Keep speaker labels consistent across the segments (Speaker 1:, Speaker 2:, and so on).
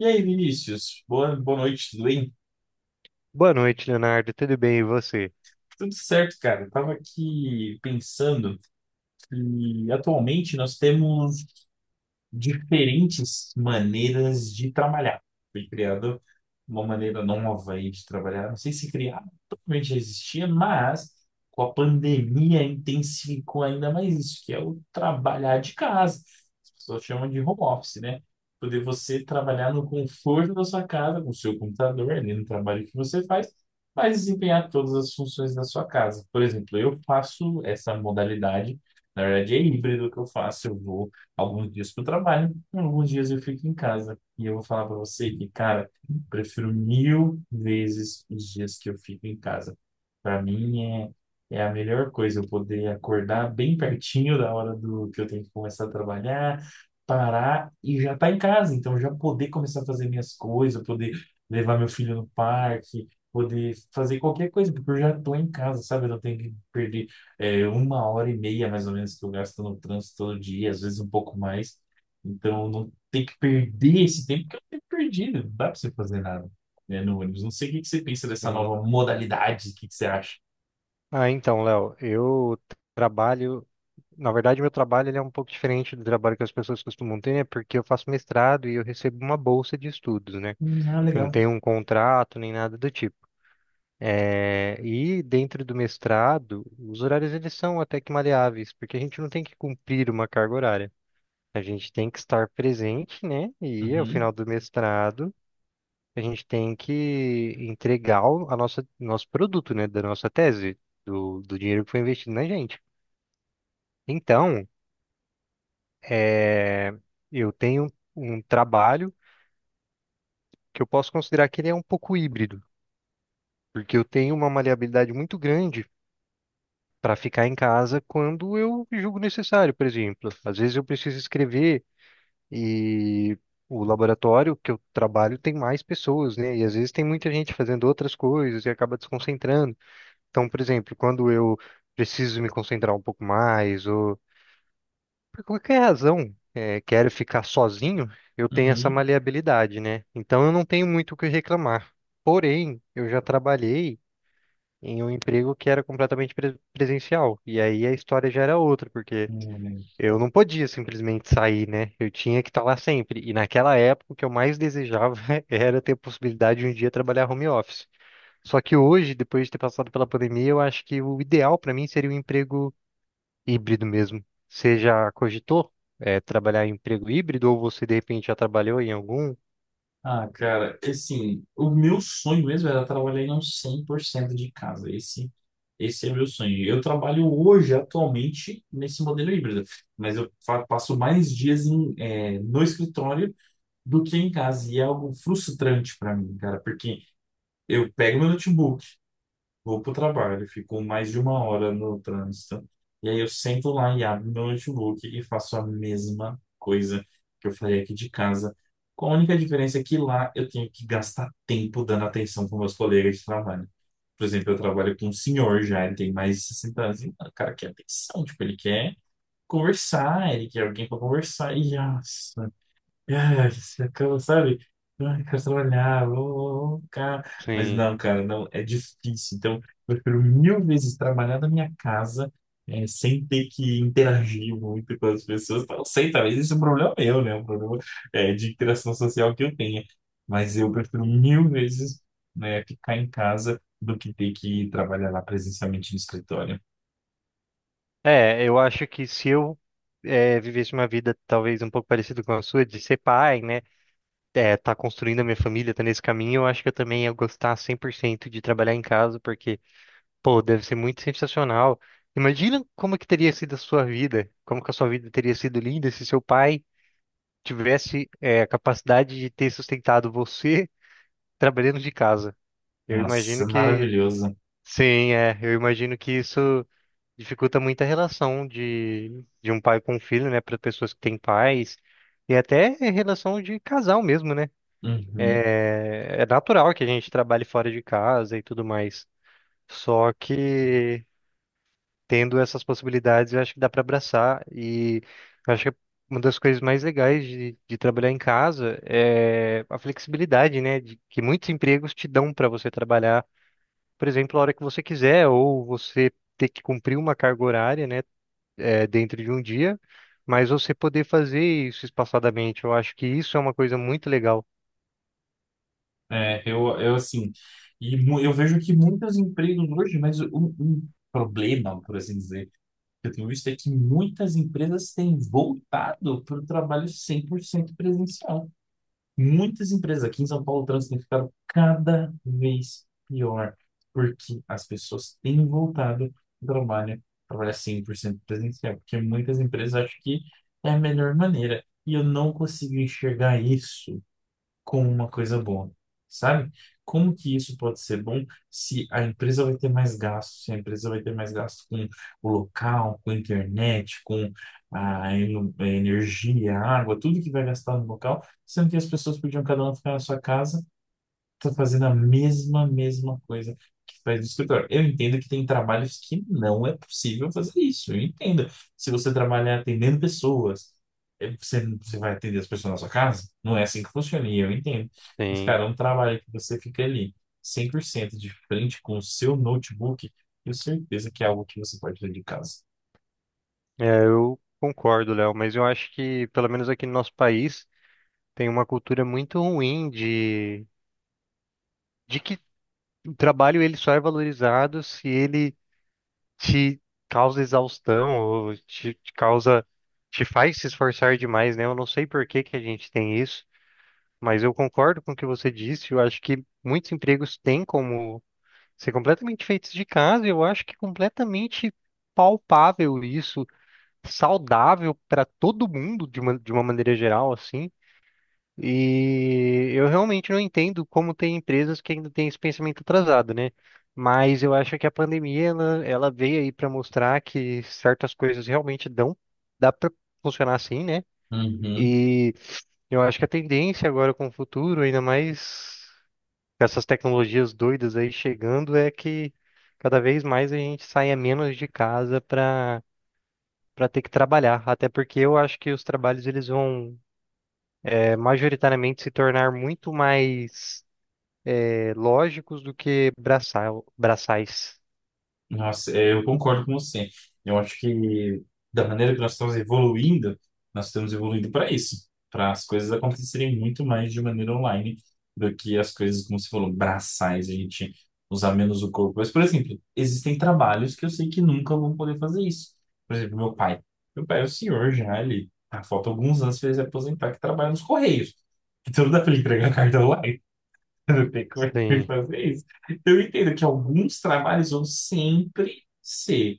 Speaker 1: E aí, Vinícius? Boa noite, tudo bem?
Speaker 2: Boa noite, Leonardo. Tudo bem, e você?
Speaker 1: Tudo certo, cara. Eu tava aqui pensando que atualmente nós temos diferentes maneiras de trabalhar. Foi criado uma maneira nova aí de trabalhar. Não sei se criar, totalmente já existia, mas com a pandemia intensificou ainda mais isso, que é o trabalhar de casa. As pessoas chamam de home office, né? Poder você trabalhar no conforto da sua casa, com o seu computador, ali no trabalho que você faz, mas desempenhar todas as funções da sua casa. Por exemplo, eu faço essa modalidade, na verdade é híbrido que eu faço, eu vou alguns dias para o trabalho, e alguns dias eu fico em casa. E eu vou falar para você que, cara, prefiro mil vezes os dias que eu fico em casa. Para mim é, é a melhor coisa eu poder acordar bem pertinho da hora do que eu tenho que começar a trabalhar, parar e já estar em casa. Então já poder começar a fazer minhas coisas, poder levar meu filho no parque, poder fazer qualquer coisa, porque eu já tô em casa, sabe? Eu não tenho que perder é uma hora e meia, mais ou menos, que eu gasto no trânsito todo dia, às vezes um pouco mais. Então, não tem que perder esse tempo que é um tempo perdido. Não dá para você fazer nada, né, no ônibus. Não sei o que que você pensa dessa
Speaker 2: Sim.
Speaker 1: nova modalidade, o que que você acha?
Speaker 2: Então, Léo, eu trabalho. Na verdade, meu trabalho ele é um pouco diferente do trabalho que as pessoas costumam ter, né? Porque eu faço mestrado e eu recebo uma bolsa de estudos, né?
Speaker 1: Ah,
Speaker 2: Eu não
Speaker 1: legal.
Speaker 2: tenho um contrato nem nada do tipo. E dentro do mestrado, os horários eles são até que maleáveis, porque a gente não tem que cumprir uma carga horária. A gente tem que estar presente, né? E ao
Speaker 1: Uhum,
Speaker 2: final do mestrado, a gente tem que entregar o nosso produto, né? Da nossa tese, do dinheiro que foi investido na gente. Então, é, eu tenho um trabalho que eu posso considerar que ele é um pouco híbrido, porque eu tenho uma maleabilidade muito grande para ficar em casa quando eu julgo necessário, por exemplo. Às vezes eu preciso escrever e o laboratório que eu trabalho tem mais pessoas, né? E às vezes tem muita gente fazendo outras coisas e acaba desconcentrando. Então, por exemplo, quando eu preciso me concentrar um pouco mais, ou por qualquer razão, quero ficar sozinho, eu tenho essa
Speaker 1: uhum.
Speaker 2: maleabilidade, né? Então, eu não tenho muito o que reclamar. Porém, eu já trabalhei em um emprego que era completamente presencial. E aí a história já era outra, porque
Speaker 1: Né.
Speaker 2: eu não podia simplesmente sair, né? Eu tinha que estar lá sempre. E naquela época, o que eu mais desejava era ter a possibilidade de um dia trabalhar home office. Só que hoje, depois de ter passado pela pandemia, eu acho que o ideal para mim seria um emprego híbrido mesmo. Você já cogitou, trabalhar em emprego híbrido ou você de repente já trabalhou em algum?
Speaker 1: Ah, cara, assim, o meu sonho mesmo era trabalhar em uns 100% de casa. Esse é meu sonho. Eu trabalho hoje, atualmente, nesse modelo híbrido, mas eu passo mais dias em, no escritório do que em casa. E é algo frustrante para mim, cara, porque eu pego meu notebook, vou pro trabalho, fico mais de uma hora no trânsito, e aí eu sento lá e abro meu notebook e faço a mesma coisa que eu faria aqui de casa. Com a única diferença é que lá eu tenho que gastar tempo dando atenção para meus colegas de trabalho. Por exemplo, eu trabalho com um senhor já, ele tem mais de 60 anos, e o cara quer atenção, tipo, ele quer conversar, ele quer alguém para conversar, e nossa, ah, você acaba, sabe? Ai, quero trabalhar, vou ficar. Mas
Speaker 2: Sim.
Speaker 1: não, cara, não, é difícil. Então, eu prefiro mil vezes trabalhar da minha casa, sem ter que interagir muito com as pessoas. Então, eu sei, talvez esse é um problema meu, né? Um problema, de interação social que eu tenha. Mas eu prefiro mil vezes, né, ficar em casa do que ter que trabalhar lá presencialmente no escritório.
Speaker 2: É, eu acho que se eu vivesse uma vida talvez um pouco parecida com a sua, de ser pai, né? É, tá construindo a minha família, tá nesse caminho, eu acho que eu também ia gostar 100% de trabalhar em casa, porque, pô, deve ser muito sensacional. Imagina como que teria sido a sua vida, como que a sua vida teria sido linda se seu pai tivesse a capacidade de ter sustentado você trabalhando de casa. Eu imagino
Speaker 1: Nossa,
Speaker 2: que
Speaker 1: maravilhoso.
Speaker 2: sim, é. Eu imagino que isso dificulta muito a relação de um pai com um filho, né, para pessoas que têm pais e até a relação de casal mesmo, né?
Speaker 1: Uhum.
Speaker 2: É, é natural que a gente trabalhe fora de casa e tudo mais. Só que tendo essas possibilidades, eu acho que dá para abraçar e eu acho que é uma das coisas mais legais de trabalhar em casa a flexibilidade, né, de, que muitos empregos te dão para você trabalhar, por exemplo, a hora que você quiser, ou você ter que cumprir uma carga horária, né, dentro de um dia, mas você poder fazer isso espaçadamente. Eu acho que isso é uma coisa muito legal.
Speaker 1: É, eu assim, eu vejo que muitos empregos hoje, mas um problema, por assim dizer, que eu tenho visto é que muitas empresas têm voltado para o trabalho 100% presencial. Muitas empresas aqui em São Paulo, o trânsito tem ficado cada vez pior, porque as pessoas têm voltado ao trabalho, trabalhar 100% presencial, porque muitas empresas acham que é a melhor maneira, e eu não consigo enxergar isso com uma coisa boa, sabe? Como que isso pode ser bom se a empresa vai ter mais gasto, se a empresa vai ter mais gasto com o local, com a internet, com a energia, a água, tudo que vai gastar no local, sendo que as pessoas podiam cada uma ficar na sua casa. Tô fazendo a mesma coisa que faz no escritório. Eu entendo que tem trabalhos que não é possível fazer isso. Eu entendo. Se você trabalhar atendendo pessoas, você vai atender as pessoas na sua casa? Não é assim que funciona, e eu entendo. Mas,
Speaker 2: Sim,
Speaker 1: cara, é um trabalho que você fica ali 100% de frente com o seu notebook, tenho certeza que é algo que você pode fazer de casa.
Speaker 2: é, eu concordo, Léo, mas eu acho que, pelo menos aqui no nosso país, tem uma cultura muito ruim de que o trabalho ele só é valorizado se ele te causa exaustão, ou te causa, te faz se esforçar demais, né? Eu não sei por que que a gente tem isso, mas eu concordo com o que você disse. Eu acho que muitos empregos têm como ser completamente feitos de casa. Eu acho que é completamente palpável isso, saudável para todo mundo de de uma maneira geral, assim. E eu realmente não entendo como tem empresas que ainda têm esse pensamento atrasado, né? Mas eu acho que a pandemia ela veio aí para mostrar que certas coisas realmente dão, dá para funcionar assim, né?
Speaker 1: Uhum.
Speaker 2: E eu acho que a tendência agora com o futuro, ainda mais com essas tecnologias doidas aí chegando, é que cada vez mais a gente saia menos de casa para ter que trabalhar. Até porque eu acho que os trabalhos eles vão majoritariamente se tornar muito mais lógicos do que braçais.
Speaker 1: Nossa, é, eu concordo com você. Eu acho que da maneira que nós estamos evoluindo para isso, para as coisas acontecerem muito mais de maneira online do que as coisas, como você falou, braçais, a gente usar menos o corpo. Mas, por exemplo, existem trabalhos que eu sei que nunca vão poder fazer isso. Por exemplo, meu pai. Meu pai é o senhor já, ele falta alguns anos para ele se aposentar, que trabalha nos Correios. Então não dá para ele entregar carta online. Eu tenho que
Speaker 2: Sim.
Speaker 1: fazer isso. Eu entendo que alguns trabalhos vão sempre ser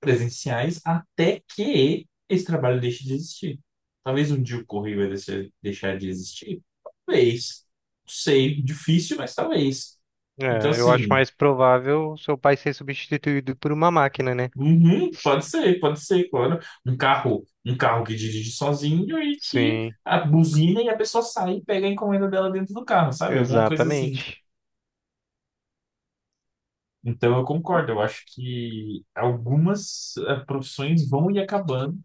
Speaker 1: presenciais até que esse trabalho deixe de existir. Talvez um dia o correio vai deixar de existir. Talvez. Não sei. Difícil, mas talvez. Então,
Speaker 2: É, eu acho
Speaker 1: assim,
Speaker 2: mais provável seu pai ser substituído por uma máquina, né?
Speaker 1: uhum, pode ser, claro. Um carro que dirige sozinho e que
Speaker 2: Sim,
Speaker 1: a buzina e a pessoa sai e pega a encomenda dela dentro do carro, sabe? Alguma coisa assim.
Speaker 2: exatamente.
Speaker 1: Então, eu concordo. Eu acho que algumas profissões vão ir acabando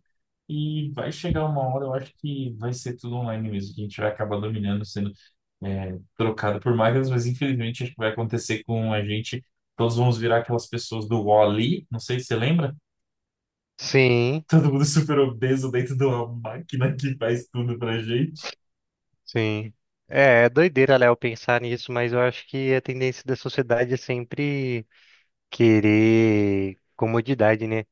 Speaker 1: e vai chegar uma hora, eu acho que vai ser tudo online mesmo, que a gente vai acabar dominando, sendo trocado por máquinas, mas infelizmente acho que vai acontecer com a gente. Todos vamos virar aquelas pessoas do Wall-E, não sei se você lembra?
Speaker 2: Sim,
Speaker 1: Todo mundo super obeso dentro de uma máquina que faz tudo pra gente.
Speaker 2: sim. É, é doideira, Léo, pensar nisso, mas eu acho que a tendência da sociedade é sempre querer comodidade, né?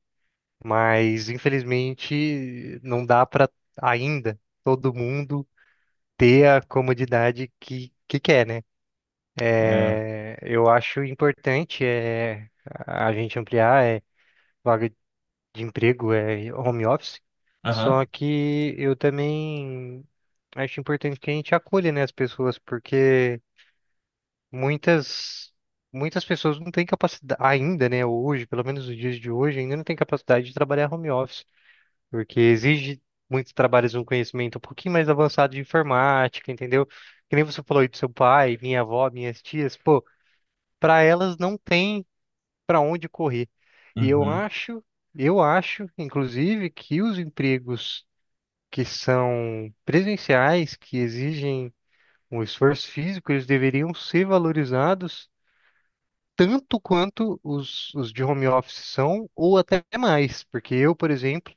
Speaker 2: Mas, infelizmente, não dá para ainda todo mundo ter a comodidade que quer, né?
Speaker 1: É.
Speaker 2: É, eu acho importante a gente ampliar vaga de emprego, é home office.
Speaker 1: Aham.
Speaker 2: Só que eu também acho importante que a gente acolha, né, as pessoas, porque muitas muitas pessoas não têm capacidade ainda, né, hoje, pelo menos nos dias de hoje, ainda não têm capacidade de trabalhar home office, porque exige muitos trabalhos um conhecimento um pouquinho mais avançado de informática, entendeu? Que nem você falou aí do seu pai, minha avó, minhas tias, pô, para elas não tem para onde correr. E eu
Speaker 1: Uhum.
Speaker 2: acho, eu acho, inclusive, que os empregos que são presenciais, que exigem um esforço físico, eles deveriam ser valorizados tanto quanto os de home office são, ou até mais, porque eu, por exemplo,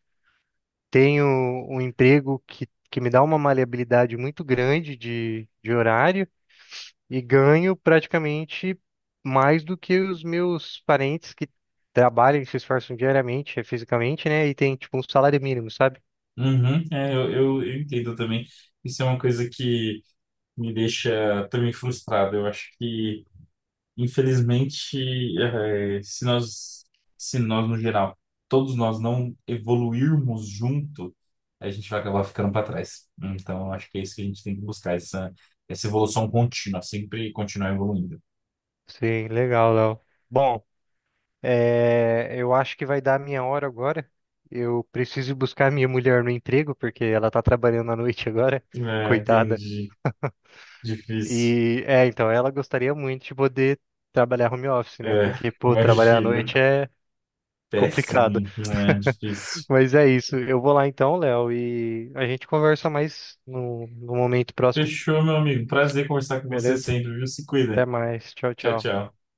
Speaker 2: tenho um emprego que me dá uma maleabilidade muito grande de horário. E ganho praticamente mais do que os meus parentes que trabalham e se esforçam diariamente, fisicamente, né? E tem tipo um salário mínimo, sabe?
Speaker 1: Uhum. É, eu entendo também. Isso é uma coisa que me deixa também frustrado. Eu acho que, infelizmente, se nós, se nós no geral, todos nós não evoluirmos junto, a gente vai acabar ficando para trás. Então, eu acho que é isso que a gente tem que buscar, essa evolução contínua, sempre continuar evoluindo.
Speaker 2: Sim, legal, Léo. Bom, eu acho que vai dar a minha hora agora. Eu preciso ir buscar minha mulher no emprego, porque ela tá trabalhando à noite agora,
Speaker 1: É,
Speaker 2: coitada.
Speaker 1: entendi. Difícil.
Speaker 2: E é, então, ela gostaria muito de poder trabalhar home office, né?
Speaker 1: É,
Speaker 2: Porque, pô, trabalhar à
Speaker 1: imagina.
Speaker 2: noite é complicado.
Speaker 1: Péssimo. É, difícil.
Speaker 2: Mas é isso. Eu vou lá então, Léo, e a gente conversa mais no, no momento próximo,
Speaker 1: Fechou, meu amigo. Prazer conversar com você
Speaker 2: beleza?
Speaker 1: sempre, viu? Se cuida.
Speaker 2: Até mais. Tchau,
Speaker 1: Tchau,
Speaker 2: tchau.
Speaker 1: tchau.